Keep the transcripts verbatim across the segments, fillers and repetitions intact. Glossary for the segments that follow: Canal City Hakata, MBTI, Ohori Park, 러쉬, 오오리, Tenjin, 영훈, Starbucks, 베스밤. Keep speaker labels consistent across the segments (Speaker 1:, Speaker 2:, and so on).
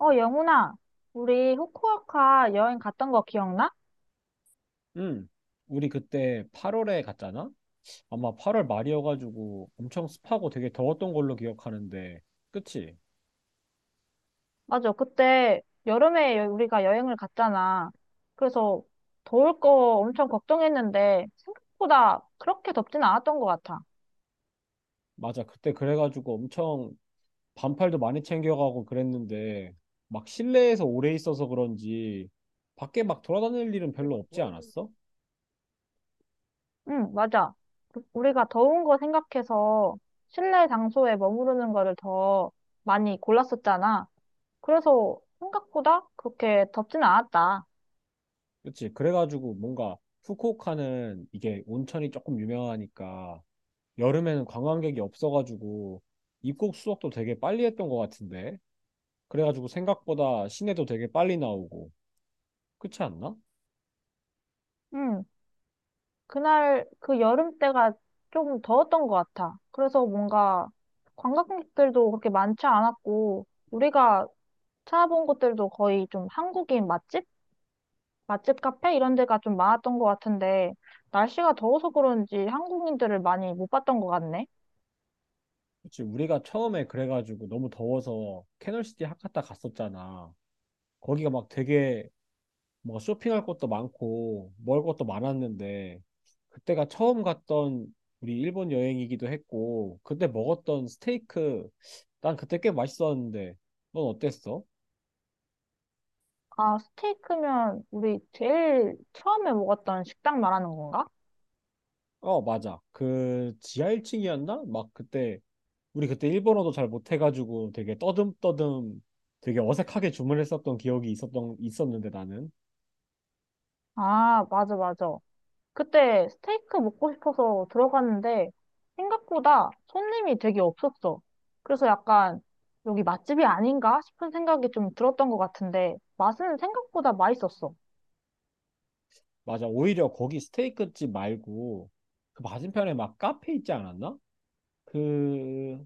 Speaker 1: 어, 영훈아, 우리 후쿠오카 여행 갔던 거 기억나?
Speaker 2: 응. 우리 그때 팔월에 갔잖아? 아마 팔월 말이어가지고 엄청 습하고 되게 더웠던 걸로 기억하는데, 그치?
Speaker 1: 맞아, 그때 여름에 여- 우리가 여행을 갔잖아. 그래서 더울 거 엄청 걱정했는데 생각보다 그렇게 덥진 않았던 것 같아.
Speaker 2: 맞아. 그때 그래가지고 엄청 반팔도 많이 챙겨가고 그랬는데, 막 실내에서 오래 있어서 그런지 밖에 막 돌아다닐 일은 별로 없지 않았어?
Speaker 1: 응, 맞아. 그- 우리가 더운 거 생각해서 실내 장소에 머무르는 거를 더 많이 골랐었잖아. 그래서 생각보다 그렇게 덥진 않았다.
Speaker 2: 그치? 그래가지고 뭔가 후쿠오카는 이게 온천이 조금 유명하니까 여름에는 관광객이 없어가지고 입국 수속도 되게 빨리 했던 것 같은데. 그래가지고 생각보다 시내도 되게 빨리 나오고 그렇지 않나?
Speaker 1: 응, 그날 그 여름 때가 좀 더웠던 것 같아. 그래서 뭔가 관광객들도 그렇게 많지 않았고, 우리가 찾아본 곳들도 거의 좀 한국인 맛집? 맛집 카페? 이런 데가 좀 많았던 것 같은데, 날씨가 더워서 그런지 한국인들을 많이 못 봤던 것 같네.
Speaker 2: 그치, 우리가 처음에 그래가지고 너무 더워서 캐널시티 하카타 갔었잖아. 거기가 막 되게 뭐 쇼핑할 것도 많고 먹을 것도 많았는데, 그때가 처음 갔던 우리 일본 여행이기도 했고, 그때 먹었던 스테이크 난 그때 꽤 맛있었는데 넌 어땠어?
Speaker 1: 아, 스테이크면 우리 제일 처음에 먹었던 식당 말하는 건가?
Speaker 2: 어, 맞아. 그 지하 일 층이었나? 막 그때 우리 그때 일본어도 잘 못해가지고 되게 떠듬떠듬 되게 어색하게 주문했었던 기억이 있었던 있었는데 나는.
Speaker 1: 아, 맞아, 맞아. 그때 스테이크 먹고 싶어서 들어갔는데 생각보다 손님이 되게 없었어. 그래서 약간 여기 맛집이 아닌가 싶은 생각이 좀 들었던 것 같은데 맛은 생각보다 맛있었어.
Speaker 2: 맞아, 오히려 거기 스테이크집 말고 그 맞은편에 막 카페 있지 않았나? 그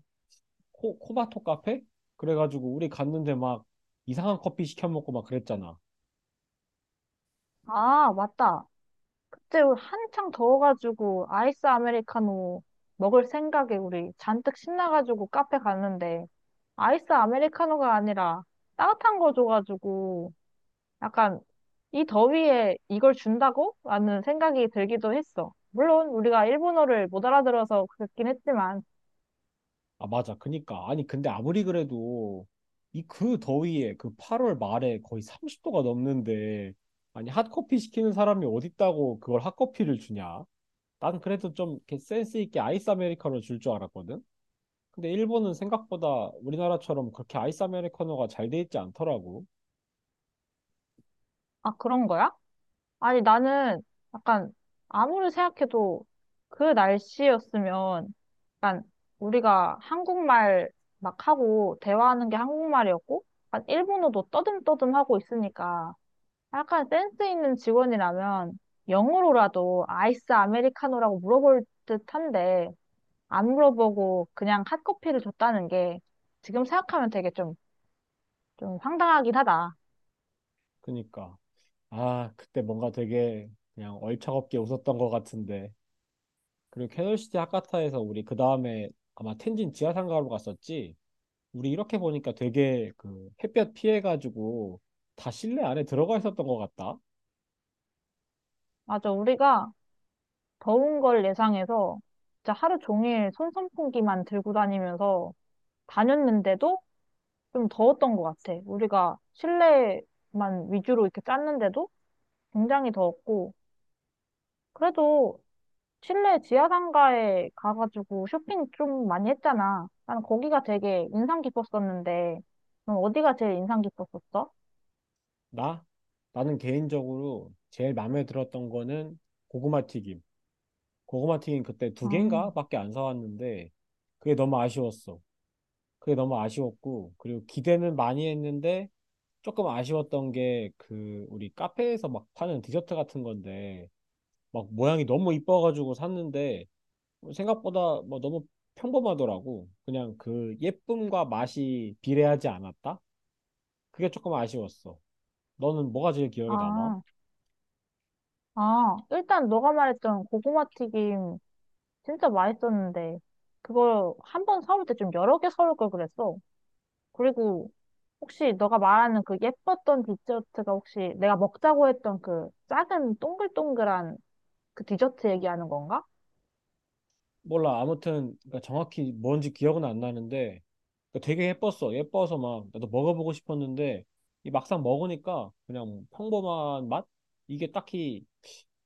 Speaker 2: 코, 코바토 카페? 그래가지고 우리 갔는데 막 이상한 커피 시켜 먹고 막 그랬잖아.
Speaker 1: 아, 맞다. 그때 한창 더워가지고 아이스 아메리카노 먹을 생각에 우리 잔뜩 신나가지고 카페 갔는데 아이스 아메리카노가 아니라 따뜻한 거 줘가지고 약간 이 더위에 이걸 준다고? 라는 생각이 들기도 했어. 물론 우리가 일본어를 못 알아들어서 그랬긴 했지만,
Speaker 2: 아, 맞아. 그니까 아니 근데 아무리 그래도 이 그 더위에 그 팔월 말에 거의 삼십 도가 넘는데, 아니 핫커피 시키는 사람이 어딨다고 그걸 핫커피를 주냐? 난 그래도 좀 이렇게 센스 있게 아이스 아메리카노 줄 줄 알았거든. 근데 일본은 생각보다 우리나라처럼 그렇게 아이스 아메리카노가 잘 돼 있지 않더라고.
Speaker 1: 아, 그런 거야? 아니, 나는 약간 아무리 생각해도 그 날씨였으면 약간 우리가 한국말 막 하고 대화하는 게 한국말이었고, 약간 일본어도 떠듬떠듬 하고 있으니까 약간 센스 있는 직원이라면 영어로라도 아이스 아메리카노라고 물어볼 듯한데, 안 물어보고 그냥 핫커피를 줬다는 게 지금 생각하면 되게 좀, 좀 황당하긴 하다.
Speaker 2: 그니까. 아, 그때 뭔가 되게 그냥 얼차겁게 웃었던 것 같은데. 그리고 캐널시티 하카타에서 우리 그 다음에 아마 텐진 지하상가로 갔었지. 우리 이렇게 보니까 되게 그 햇볕 피해가지고 다 실내 안에 들어가 있었던 것 같다.
Speaker 1: 맞아, 우리가 더운 걸 예상해서 진짜 하루 종일 손 선풍기만 들고 다니면서 다녔는데도 좀 더웠던 것 같아. 우리가 실내만 위주로 이렇게 짰는데도 굉장히 더웠고, 그래도 실내 지하상가에 가가지고 쇼핑 좀 많이 했잖아. 나는 거기가 되게 인상 깊었었는데, 넌 어디가 제일 인상 깊었었어?
Speaker 2: 나 나는 개인적으로 제일 마음에 들었던 거는 고구마 튀김. 고구마 튀김 그때 두
Speaker 1: 아.
Speaker 2: 개인가밖에 안 사왔는데 그게 너무 아쉬웠어. 그게 너무 아쉬웠고, 그리고 기대는 많이 했는데 조금 아쉬웠던 게 그 우리 카페에서 막 파는 디저트 같은 건데 막 모양이 너무 이뻐가지고 샀는데 생각보다 뭐 너무 평범하더라고. 그냥 그 예쁨과 맛이 비례하지 않았다? 그게 조금 아쉬웠어. 너는 뭐가 제일 기억에 남아?
Speaker 1: 아, 아, 일단 너가 말했던 고구마 튀김 진짜 맛있었는데, 그걸 한 번 사올 때 좀 여러 개 사올 걸 그랬어. 그리고 혹시 너가 말하는 그 예뻤던 디저트가 혹시 내가 먹자고 했던 그 작은 동글동글한 그 디저트 얘기하는 건가?
Speaker 2: 몰라. 아무튼 그러니까 정확히 뭔지 기억은 안 나는데, 그러니까 되게 예뻤어. 예뻐서 막 나도 먹어보고 싶었는데 이 막상 먹으니까 그냥 평범한 맛? 이게 딱히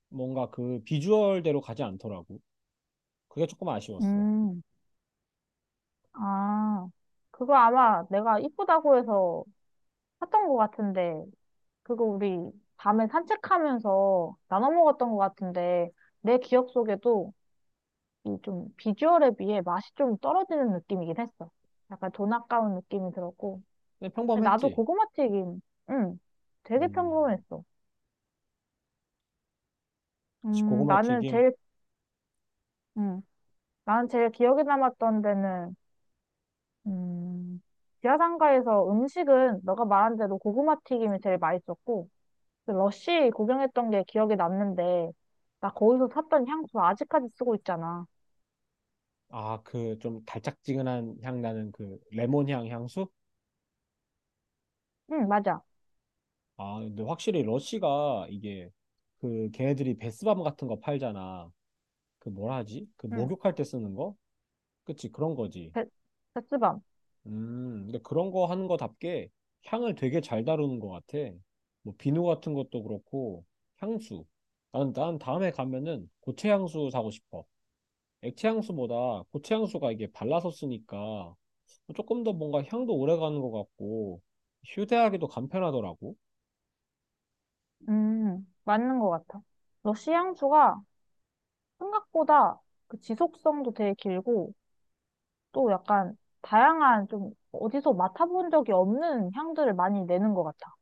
Speaker 2: 뭔가 그 비주얼대로 가지 않더라고. 그게 조금 아쉬웠어.
Speaker 1: 음, 아, 그거 아마 내가 이쁘다고 해서 샀던 것 같은데, 그거 우리 밤에 산책하면서 나눠 먹었던 것 같은데, 내 기억 속에도 이 좀 비주얼에 비해 맛이 좀 떨어지는 느낌이긴 했어. 약간 돈 아까운 느낌이 들었고.
Speaker 2: 그냥
Speaker 1: 근데 나도
Speaker 2: 평범했지.
Speaker 1: 고구마 튀김, 응, 되게
Speaker 2: 음,
Speaker 1: 평범했어. 음,
Speaker 2: 고구마
Speaker 1: 나는
Speaker 2: 튀김.
Speaker 1: 제일, 음, 나는 제일 기억에 남았던 데는, 음, 지하상가에서 음식은 너가 말한 대로 고구마 튀김이 제일 맛있었고, 그 러쉬 구경했던 게 기억에 남는데, 나 거기서 샀던 향수 아직까지 쓰고 있잖아.
Speaker 2: 아, 그 좀 달짝지근한 향 나는 그 레몬 향 향수?
Speaker 1: 응, 맞아.
Speaker 2: 아, 근데 확실히 러쉬가 이게 그 걔네들이 베스밤 같은 거 팔잖아. 그 뭐라 하지? 그
Speaker 1: 응,
Speaker 2: 목욕할 때 쓰는 거? 그치, 그런 거지.
Speaker 1: 베, 베스밤.
Speaker 2: 음, 근데 그런 거 하는 거답게 향을 되게 잘 다루는 것 같아. 뭐, 비누 같은 것도 그렇고, 향수. 난, 난 다음에 가면은 고체 향수 사고 싶어. 액체 향수보다 고체 향수가 이게 발라서 쓰니까 조금 더 뭔가 향도 오래 가는 것 같고, 휴대하기도 간편하더라고.
Speaker 1: 음, 맞는 것 같아. 러쉬 향수가 생각보다 그 지속성도 되게 길고 또 약간 다양한 좀 어디서 맡아본 적이 없는 향들을 많이 내는 것 같아.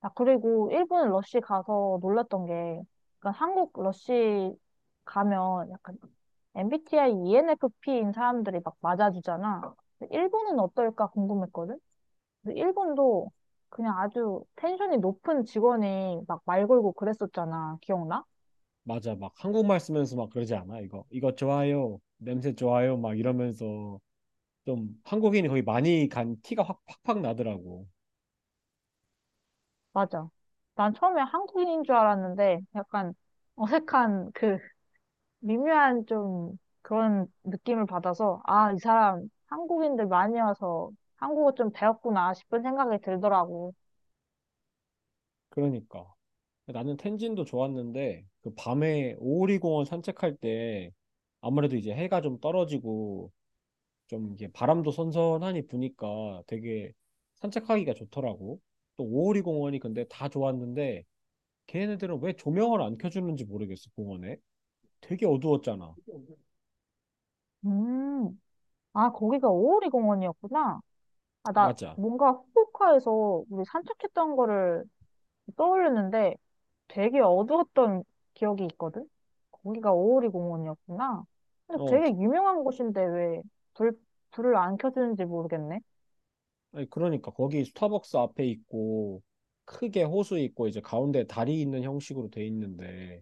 Speaker 1: 아, 그리고 일본 러쉬 가서 놀랐던 게 약간 한국 러쉬 가면 약간 엠비티아이 이엔에프피인 사람들이 막 맞아주잖아. 근데 일본은 어떨까 궁금했거든? 근데 일본도 그냥 아주 텐션이 높은 직원이 막 말 걸고 그랬었잖아. 기억나?
Speaker 2: 맞아, 막 한국말 쓰면서 막 그러지 않아? 이거, 이거 좋아요. 냄새 좋아요. 막 이러면서 좀 한국인이 거의 많이 간 티가 확, 팍팍 나더라고.
Speaker 1: 맞아. 난 처음에 한국인인 줄 알았는데 약간 어색한 그 미묘한 좀 그런 느낌을 받아서 아, 이 사람 한국인들 많이 와서 한국어 좀 배웠구나 싶은 생각이 들더라고.
Speaker 2: 그러니까. 나는 텐진도 좋았는데 그 밤에 오오리 공원 산책할 때 아무래도 이제 해가 좀 떨어지고 좀 이게 바람도 선선하니 부니까 되게 산책하기가 좋더라고. 또 오오리 공원이 근데 다 좋았는데 걔네들은 왜 조명을 안 켜주는지 모르겠어 공원에. 되게 어두웠잖아.
Speaker 1: 음. 아, 거기가 오오리 공원이었구나. 아, 나
Speaker 2: 맞아.
Speaker 1: 뭔가 후쿠오카에서 우리 산책했던 거를 떠올렸는데 되게 어두웠던 기억이 있거든? 거기가 오오리 공원이었구나. 근데
Speaker 2: 어
Speaker 1: 되게
Speaker 2: 트-
Speaker 1: 유명한 곳인데 왜 불, 불을 안 켜주는지 모르겠네.
Speaker 2: 아니, 그러니까 거기 스타벅스 앞에 있고 크게 호수 있고 이제 가운데 다리 있는 형식으로 돼 있는데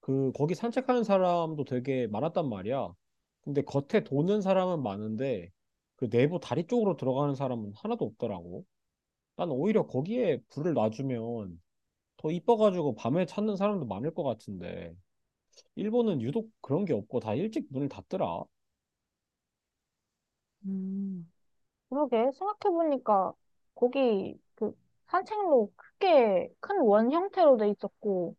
Speaker 2: 그 거기 산책하는 사람도 되게 많았단 말이야. 근데 겉에 도는 사람은 많은데 그 내부 다리 쪽으로 들어가는 사람은 하나도 없더라고. 난 오히려 거기에 불을 놔주면 더 이뻐가지고 밤에 찾는 사람도 많을 것 같은데 일본은 유독 그런 게 없고 다 일찍 문을 닫더라.
Speaker 1: 음. 그러게, 생각해보니까 거기 그 산책로 크게 큰 원 형태로 돼 있었고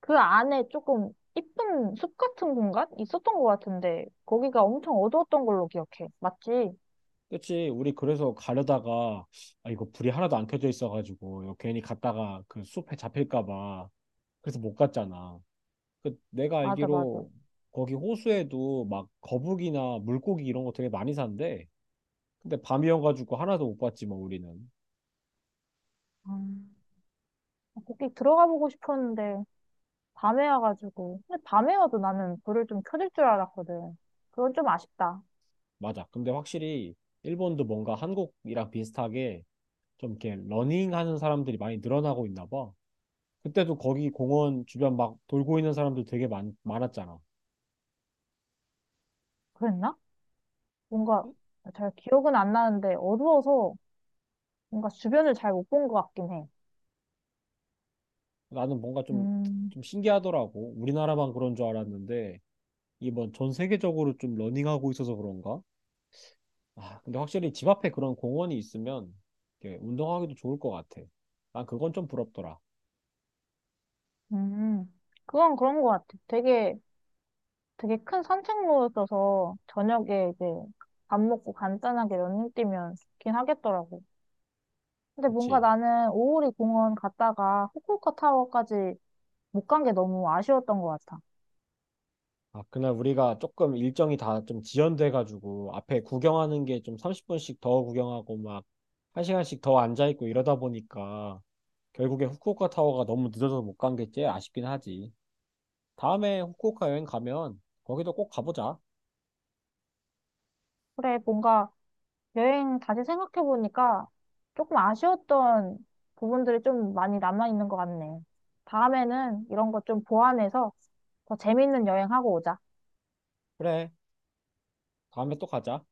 Speaker 1: 그 안에 조금 이쁜 숲 같은 공간 있었던 것 같은데 거기가 엄청 어두웠던 걸로 기억해. 맞지?
Speaker 2: 그치? 우리 그래서 가려다가 아 이거 불이 하나도 안 켜져 있어가지고 이거 괜히 갔다가 그 숲에 잡힐까 봐 그래서 못 갔잖아. 그 내가
Speaker 1: 맞아, 맞아.
Speaker 2: 알기로 거기 호수에도 막 거북이나 물고기 이런 거 되게 많이 산대. 근데 밤이어가지고 하나도 못 봤지 뭐 우리는.
Speaker 1: 음. 거기 들어가 보고 싶었는데 밤에 와가지고. 근데 밤에 와도 나는 불을 좀 켜질 줄 알았거든. 그건 좀 아쉽다.
Speaker 2: 맞아. 근데 확실히 일본도 뭔가 한국이랑 비슷하게 좀 이렇게 러닝하는 사람들이 많이 늘어나고 있나 봐. 그때도 거기 공원 주변 막 돌고 있는 사람들 되게 많, 많았잖아.
Speaker 1: 그랬나? 뭔가 잘 기억은 안 나는데 어두워서 뭔가 주변을 잘 못 본 것 같긴 해.
Speaker 2: 나는 뭔가 좀,
Speaker 1: 음,
Speaker 2: 좀 신기하더라고. 우리나라만 그런 줄 알았는데 이게 뭐 전 세계적으로 좀 러닝하고 있어서 그런가? 아, 근데 확실히 집 앞에 그런 공원이 있으면 이렇게 운동하기도 좋을 것 같아. 난 그건 좀 부럽더라.
Speaker 1: 음. 그건 그런 것 같아. 되게, 되게 큰 산책로였어서 저녁에 이제 밥 먹고 간단하게 러닝 뛰면 좋긴 하겠더라고. 근데 뭔가
Speaker 2: 그치?
Speaker 1: 나는 오오리 공원 갔다가 후쿠오카 타워까지 못 간 게 너무 아쉬웠던 것 같아.
Speaker 2: 아, 그날 우리가 조금 일정이 다 좀 지연돼가지고 앞에 구경하는 게 좀 삼십 분씩 더 구경하고 막 한 시간씩 더 앉아있고 이러다 보니까 결국에 후쿠오카 타워가 너무 늦어서 못 간 게 제일 아쉽긴 하지. 다음에 후쿠오카 여행 가면 거기도 꼭 가보자.
Speaker 1: 그래, 뭔가 여행 다시 생각해보니까 조금 아쉬웠던 부분들이 좀 많이 남아있는 것 같네. 다음에는 이런 것 좀 보완해서 더 재밌는 여행하고 오자.
Speaker 2: 그래. 다음에 또 가자.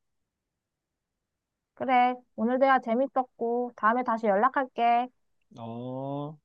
Speaker 1: 그래, 오늘 대화 재밌었고, 다음에 다시 연락할게.
Speaker 2: 어.